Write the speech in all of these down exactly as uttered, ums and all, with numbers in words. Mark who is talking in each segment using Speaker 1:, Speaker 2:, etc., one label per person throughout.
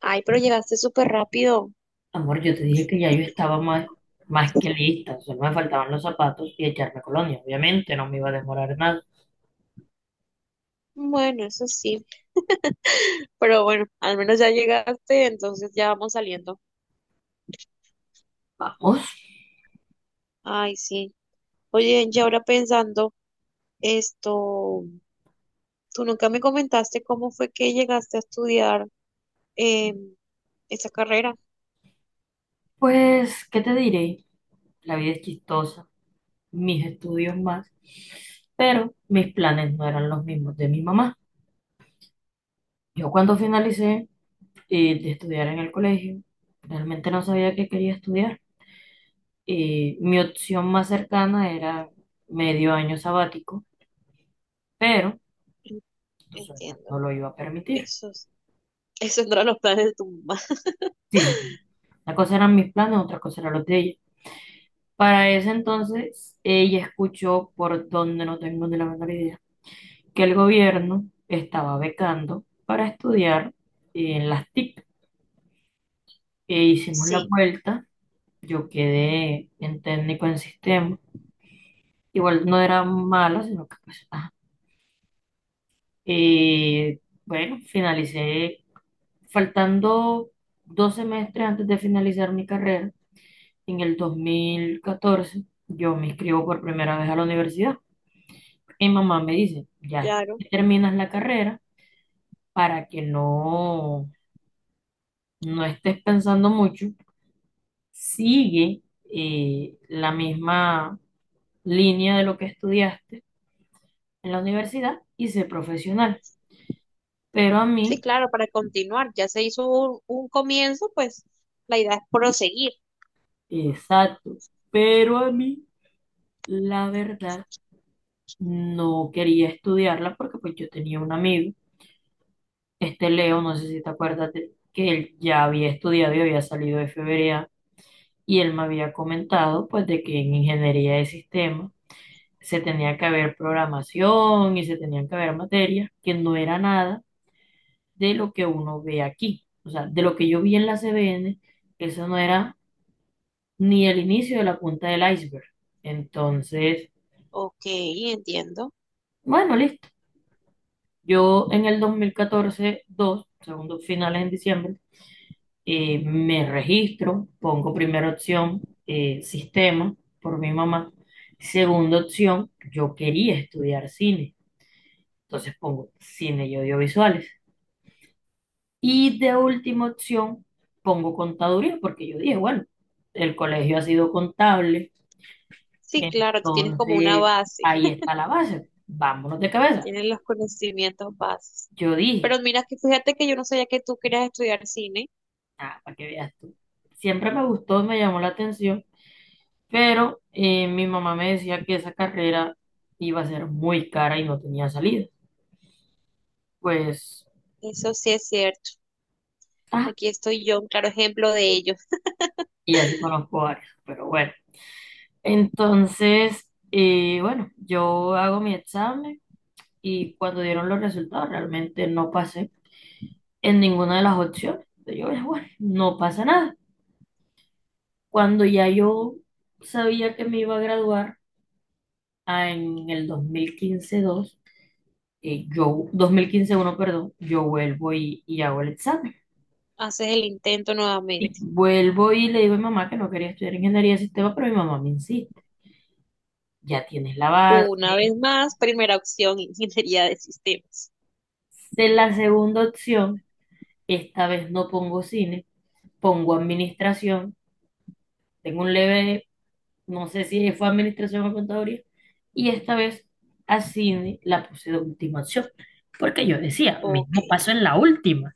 Speaker 1: Ay, pero llegaste súper rápido.
Speaker 2: Amor, yo te dije que ya yo estaba más, más que lista, solo me faltaban los zapatos y echarme colonia. Obviamente no me iba a demorar nada.
Speaker 1: Bueno, eso sí. Pero bueno, al menos ya llegaste, entonces ya vamos saliendo.
Speaker 2: Vamos.
Speaker 1: Ay, sí. Oye, y ahora pensando esto, tú nunca me comentaste cómo fue que llegaste a estudiar eh, esa carrera.
Speaker 2: Pues, ¿qué te diré? La vida es chistosa, mis estudios más, pero mis planes no eran los mismos de mi mamá. Yo cuando finalicé eh, de estudiar en el colegio, realmente no sabía qué quería estudiar. Eh, mi opción más cercana era medio año sabático, pero
Speaker 1: En-
Speaker 2: tu suegra
Speaker 1: Entiendo.
Speaker 2: no lo iba a permitir.
Speaker 1: Esos, esos no eran los planes de tu mamá.
Speaker 2: Sí, sí. Una cosa eran mis planes, otra cosa eran los de ella. Para ese entonces, ella escuchó, por donde no tengo ni la menor idea, que el gobierno estaba becando para estudiar en las T I C. E hicimos la
Speaker 1: Sí,
Speaker 2: vuelta, yo quedé en técnico en sistema. Igual no era malo, sino que pues, ajá. Eh, bueno, finalicé faltando dos semestres antes de finalizar mi carrera. En el dos mil catorce yo me inscribo por primera vez a la universidad. Y mamá me dice, ya
Speaker 1: claro.
Speaker 2: terminas la carrera para que no, no estés pensando mucho. Sigue eh, la misma línea de lo que estudiaste en la universidad y sé profesional. Pero a
Speaker 1: Sí,
Speaker 2: mí,
Speaker 1: claro, para continuar. Ya se hizo un, un comienzo, pues la idea es proseguir.
Speaker 2: exacto, pero a mí, la verdad, no quería estudiarla porque pues yo tenía un amigo, este Leo, no sé si te acuerdas de- que él ya había estudiado y había salido de F B A y él me había comentado pues de que en ingeniería de sistemas se tenía que haber programación y se tenían que haber materias que no era nada de lo que uno ve aquí. O sea, de lo que yo vi en la C B N, eso no era ni el inicio de la punta del iceberg. Entonces,
Speaker 1: Ok, entiendo.
Speaker 2: bueno, listo. Yo en el dos mil catorce, dos segundos finales en diciembre, eh, me registro, pongo primera opción, eh, sistema, por mi mamá. Segunda opción, yo quería estudiar cine, entonces pongo cine y audiovisuales. Y de última opción, pongo contaduría, porque yo dije, bueno, el colegio ha sido contable,
Speaker 1: Sí, claro, tú tienes como una
Speaker 2: entonces
Speaker 1: base,
Speaker 2: ahí está la base, vámonos de cabeza.
Speaker 1: tienes los conocimientos bases.
Speaker 2: Yo
Speaker 1: Pero
Speaker 2: dije,
Speaker 1: mira que fíjate que yo no sabía que tú querías estudiar cine.
Speaker 2: ah, para que veas tú, siempre me gustó, me llamó la atención. Pero eh, mi mamá me decía que esa carrera iba a ser muy cara y no tenía salida. Pues,
Speaker 1: Eso sí es cierto.
Speaker 2: ah,
Speaker 1: Aquí estoy yo, un claro ejemplo de ello.
Speaker 2: y así conozco varias, pero bueno. Entonces, eh, bueno, yo hago mi examen y cuando dieron los resultados realmente no pasé en ninguna de las opciones. Yo dije, bueno, no pasa nada. Cuando ya yo sabía que me iba a graduar ah, en el dos mil quince-dos, eh, yo, dos mil quince uno, perdón, yo vuelvo y, y hago el examen.
Speaker 1: Haces el intento
Speaker 2: Y
Speaker 1: nuevamente.
Speaker 2: vuelvo y le digo a mi mamá que no quería estudiar ingeniería de sistemas, pero mi mamá me insiste, ya tienes la base.
Speaker 1: Una vez más, primera opción, ingeniería de sistemas.
Speaker 2: Hice la segunda opción, esta vez no pongo cine, pongo administración, tengo un leve, no sé si fue administración o contaduría, y esta vez a cine la puse de última opción, porque yo decía,
Speaker 1: Ok,
Speaker 2: mismo paso en la última,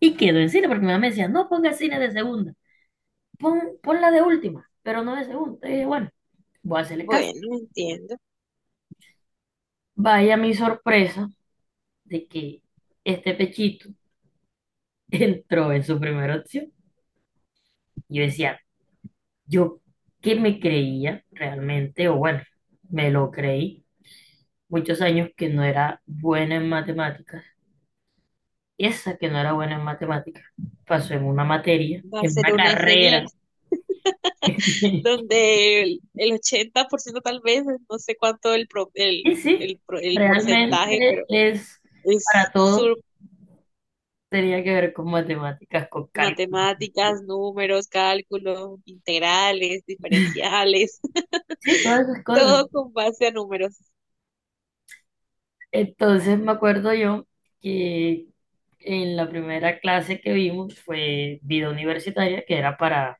Speaker 2: y quedo en cine, porque mi mamá me decía, no ponga cine de segunda, pon, ponla de última, pero no de segunda. Y dije, bueno, voy a hacerle caso.
Speaker 1: bueno, entiendo.
Speaker 2: Vaya mi sorpresa de que este pechito entró en su primera opción. Yo decía, yo que me creía realmente, o bueno, me lo creí muchos años que no era buena en matemáticas. Esa que no era buena en matemáticas pasó en una materia,
Speaker 1: Va a
Speaker 2: en
Speaker 1: ser
Speaker 2: una
Speaker 1: una
Speaker 2: carrera.
Speaker 1: ingeniera, donde el, el ochenta por ciento tal vez, no sé cuánto el, pro- el,
Speaker 2: Y sí,
Speaker 1: el, pro- el porcentaje,
Speaker 2: realmente
Speaker 1: pero
Speaker 2: es
Speaker 1: es
Speaker 2: para todo, tenía que ver con matemáticas, con cálculo.
Speaker 1: matemáticas, números, cálculos, integrales, diferenciales,
Speaker 2: Sí, todas esas cosas.
Speaker 1: todo con base a números.
Speaker 2: Entonces me acuerdo yo que en la primera clase que vimos fue vida universitaria, que era para,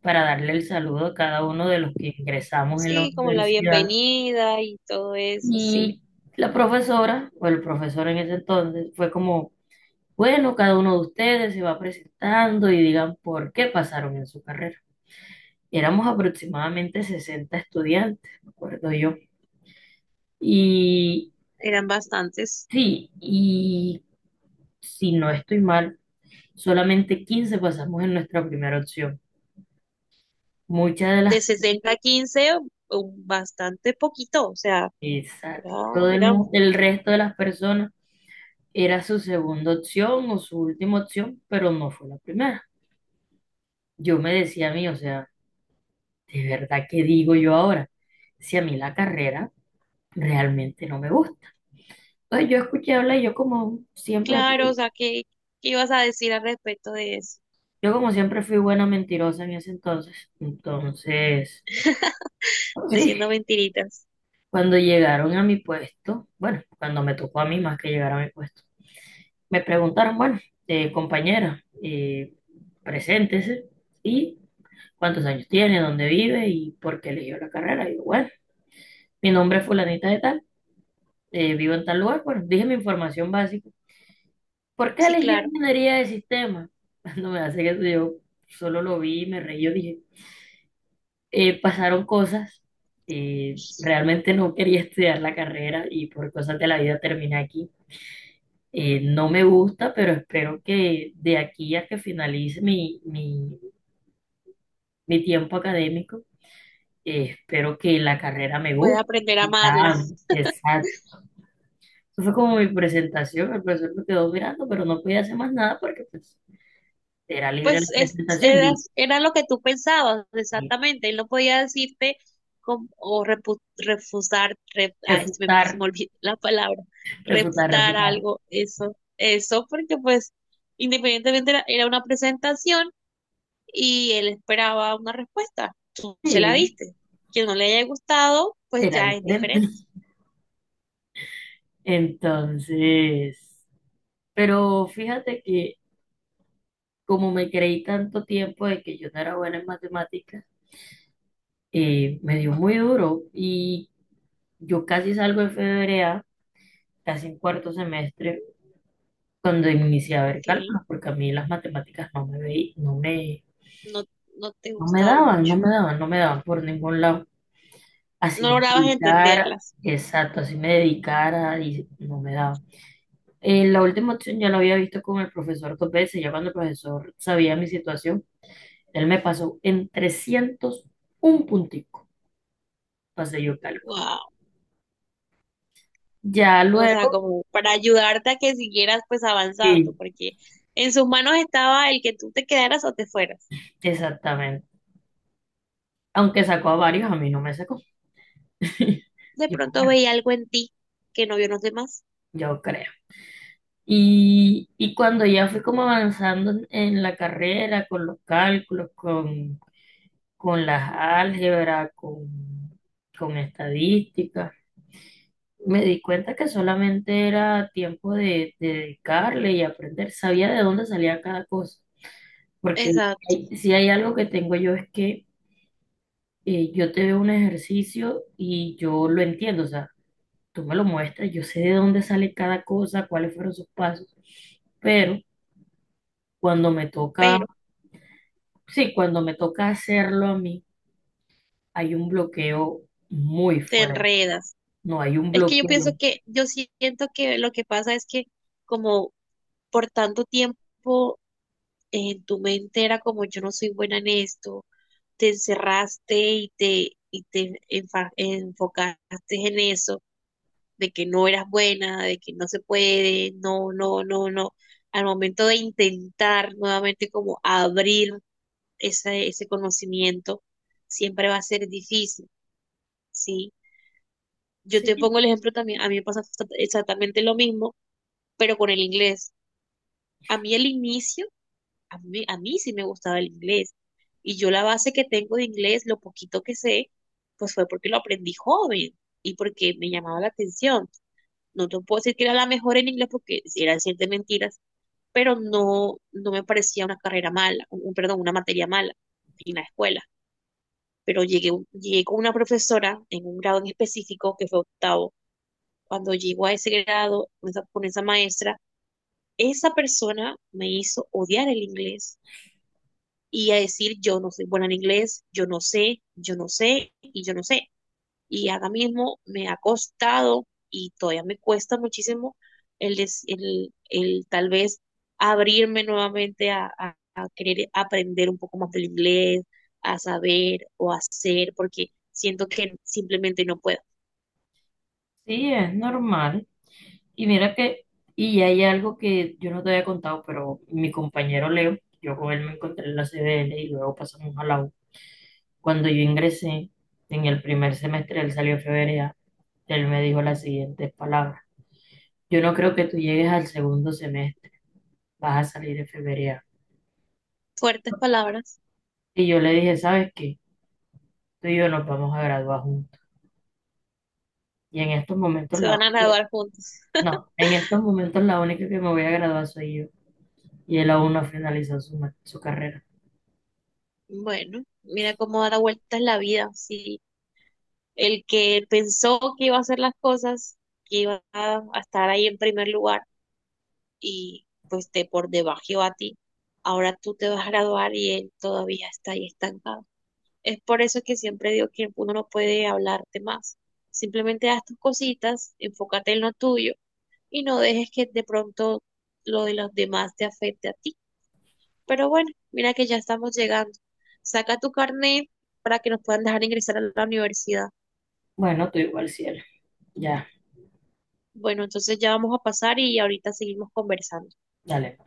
Speaker 2: para darle el saludo a cada uno de los que ingresamos en la
Speaker 1: Sí, como la
Speaker 2: universidad.
Speaker 1: bienvenida y todo eso, sí,
Speaker 2: Y la profesora, o el profesor en ese entonces, fue como, bueno, cada uno de ustedes se va presentando y digan por qué pasaron en su carrera. Éramos aproximadamente sesenta estudiantes, me acuerdo yo. Y
Speaker 1: eran bastantes.
Speaker 2: sí, y si no estoy mal solamente quince pasamos en nuestra primera opción. Muchas de
Speaker 1: De
Speaker 2: las,
Speaker 1: sesenta a quince, un- bastante poquito, o sea, era,
Speaker 2: exacto, todo el,
Speaker 1: eran
Speaker 2: mu- el resto de las personas era su segunda opción o su última opción, pero no fue la primera. Yo me decía a mí, o sea, ¿de verdad qué digo yo ahora? Si a mí la carrera realmente no me gusta. Pues yo escuché hablar y yo como siempre,
Speaker 1: claro, o
Speaker 2: fui-
Speaker 1: sea, ¿qué, ¿qué ibas a decir al respecto de eso?
Speaker 2: yo como siempre fui buena mentirosa en ese entonces. Entonces, pues sí,
Speaker 1: Diciendo mentiritas.
Speaker 2: cuando llegaron a mi puesto, bueno, cuando me tocó a mí más que llegar a mi puesto, me preguntaron, bueno, eh, compañera, eh, preséntese y cuántos años tiene, dónde vive y por qué eligió la carrera. Y yo, bueno, mi nombre es fulanita de tal, eh, vivo en tal lugar, bueno, dije mi información básica. ¿Por qué
Speaker 1: Sí,
Speaker 2: elegí
Speaker 1: claro,
Speaker 2: ingeniería de sistemas? Cuando me hace que yo solo lo vi y me reí, yo dije, eh, pasaron cosas, eh, realmente no quería estudiar la carrera y por cosas de la vida terminé aquí. Eh, no me gusta, pero espero que de aquí a que finalice mi, mi, mi tiempo académico, eh, espero que la carrera me
Speaker 1: puede
Speaker 2: guste.
Speaker 1: aprender a amarla.
Speaker 2: Ya, exacto. Eso fue como mi presentación. El profesor me quedó mirando, pero no podía hacer más nada porque pues, era libre
Speaker 1: Pues
Speaker 2: la
Speaker 1: es,
Speaker 2: presentación. Y
Speaker 1: era,
Speaker 2: yo,
Speaker 1: era lo que tú pensabas
Speaker 2: eh,
Speaker 1: exactamente. Él no podía decirte com- o repu- refusar, re- ay, se me, se me
Speaker 2: refutar,
Speaker 1: olvidó la palabra,
Speaker 2: refutar,
Speaker 1: reputar
Speaker 2: refutar.
Speaker 1: algo, eso, eso, porque pues independientemente era, era una presentación y él esperaba una respuesta. Tú se la
Speaker 2: Sí,
Speaker 1: diste. Que no le haya gustado, pues
Speaker 2: era
Speaker 1: ya es
Speaker 2: diferente.
Speaker 1: diferente.
Speaker 2: Entonces, pero fíjate que como me creí tanto tiempo de que yo no era buena en matemáticas, eh, me dio muy duro y yo casi salgo de febrea, casi en cuarto semestre, cuando inicié a ver
Speaker 1: Ok,
Speaker 2: cálculos, porque a mí las matemáticas no me veí- no me,
Speaker 1: no, no te
Speaker 2: no me
Speaker 1: gustaba
Speaker 2: daban, no
Speaker 1: mucho.
Speaker 2: me daban, no me daban por ningún lado. Así
Speaker 1: No
Speaker 2: me
Speaker 1: lograbas
Speaker 2: dedicara,
Speaker 1: entenderlas.
Speaker 2: exacto, así me dedicara y no me daban. Eh, la última opción ya la había visto con el profesor dos veces, ya cuando el profesor sabía mi situación, él me pasó en trescientos un puntico, pasé yo cálculo.
Speaker 1: Wow.
Speaker 2: Ya
Speaker 1: O sea,
Speaker 2: luego,
Speaker 1: como para ayudarte a que siguieras pues avanzando,
Speaker 2: sí,
Speaker 1: porque en sus manos estaba el que tú te quedaras o te fueras.
Speaker 2: exactamente. Aunque sacó a varios, a mí no me sacó.
Speaker 1: De
Speaker 2: Yo,
Speaker 1: pronto
Speaker 2: bueno,
Speaker 1: veía algo en ti que no vio en los demás.
Speaker 2: yo creo. Y, y cuando ya fui como avanzando en, en la carrera, con, los cálculos, con, con las álgebras, con, con estadísticas, me di cuenta que solamente era tiempo de, de dedicarle y aprender. Sabía de dónde salía cada cosa. Porque
Speaker 1: Exacto,
Speaker 2: hay- si hay algo que tengo yo es que eh, yo te veo un ejercicio y yo lo entiendo. O sea, tú me lo muestras, yo sé de dónde sale cada cosa, cuáles fueron sus pasos, pero cuando me toca,
Speaker 1: pero
Speaker 2: sí, cuando me toca hacerlo a mí, hay un bloqueo muy
Speaker 1: te
Speaker 2: fuerte,
Speaker 1: enredas.
Speaker 2: no hay un
Speaker 1: Es que yo pienso
Speaker 2: bloqueo.
Speaker 1: que, yo siento que lo que pasa es que como por tanto tiempo en tu mente era como yo no soy buena en esto, te encerraste y te, y te enfa- enfocaste en eso de que no eras buena, de que no se puede, no, no, no, no. Al momento de intentar nuevamente como abrir ese, ese conocimiento, siempre va a ser difícil, ¿sí? Yo te
Speaker 2: Sí,
Speaker 1: pongo el ejemplo también, a mí me pasa exactamente lo mismo, pero con el inglés. A mí el inicio, a mí, a mí sí me gustaba el inglés. Y yo la base que tengo de inglés, lo poquito que sé, pues fue porque lo aprendí joven y porque me llamaba la atención. No te puedo decir que era la mejor en inglés porque era decir de mentiras, pero no, no me parecía una carrera mala, un, perdón, una materia mala en la escuela. Pero llegué, llegué con una profesora en un grado en específico que fue octavo. Cuando llegó a ese grado con esa, con esa maestra, esa persona me hizo odiar el inglés y a decir yo no soy buena en inglés, yo no sé, yo no sé y yo no sé. Y ahora mismo me ha costado y todavía me cuesta muchísimo el, des- el, el tal vez abrirme nuevamente a, a- a querer aprender un poco más del inglés, a saber o hacer, porque siento que simplemente no puedo.
Speaker 2: sí, es normal. Y mira que, y hay algo que yo no te había contado, pero mi compañero Leo, yo con él me encontré en la C B L y luego pasamos a la U. Cuando yo ingresé en el primer semestre, él salió a febrero, él me dijo las siguientes palabras. Yo no creo que tú llegues al segundo semestre, vas a salir en febrero.
Speaker 1: Fuertes palabras,
Speaker 2: Y yo le dije, ¿sabes qué? Tú y yo nos vamos a graduar juntos. Y en estos momentos
Speaker 1: se
Speaker 2: la
Speaker 1: van a
Speaker 2: única,
Speaker 1: graduar juntos.
Speaker 2: no, en estos momentos la única que me voy a graduar soy yo. Y él aún no ha finalizado su, ma- su carrera.
Speaker 1: Bueno, mira cómo da la vuelta en la vida. Sí, el que pensó que iba a hacer las cosas, que iba a a estar ahí en primer lugar y pues te por debajo a ti. Ahora tú te vas a graduar y él todavía está ahí estancado. Es por eso que siempre digo que uno no puede hablarte más. Simplemente haz tus cositas, enfócate en lo tuyo y no dejes que de pronto lo de los demás te afecte a ti. Pero bueno, mira que ya estamos llegando. Saca tu carnet para que nos puedan dejar ingresar a la universidad.
Speaker 2: Bueno, tú igual, cielo. Ya,
Speaker 1: Bueno, entonces ya vamos a pasar y ahorita seguimos conversando.
Speaker 2: dale.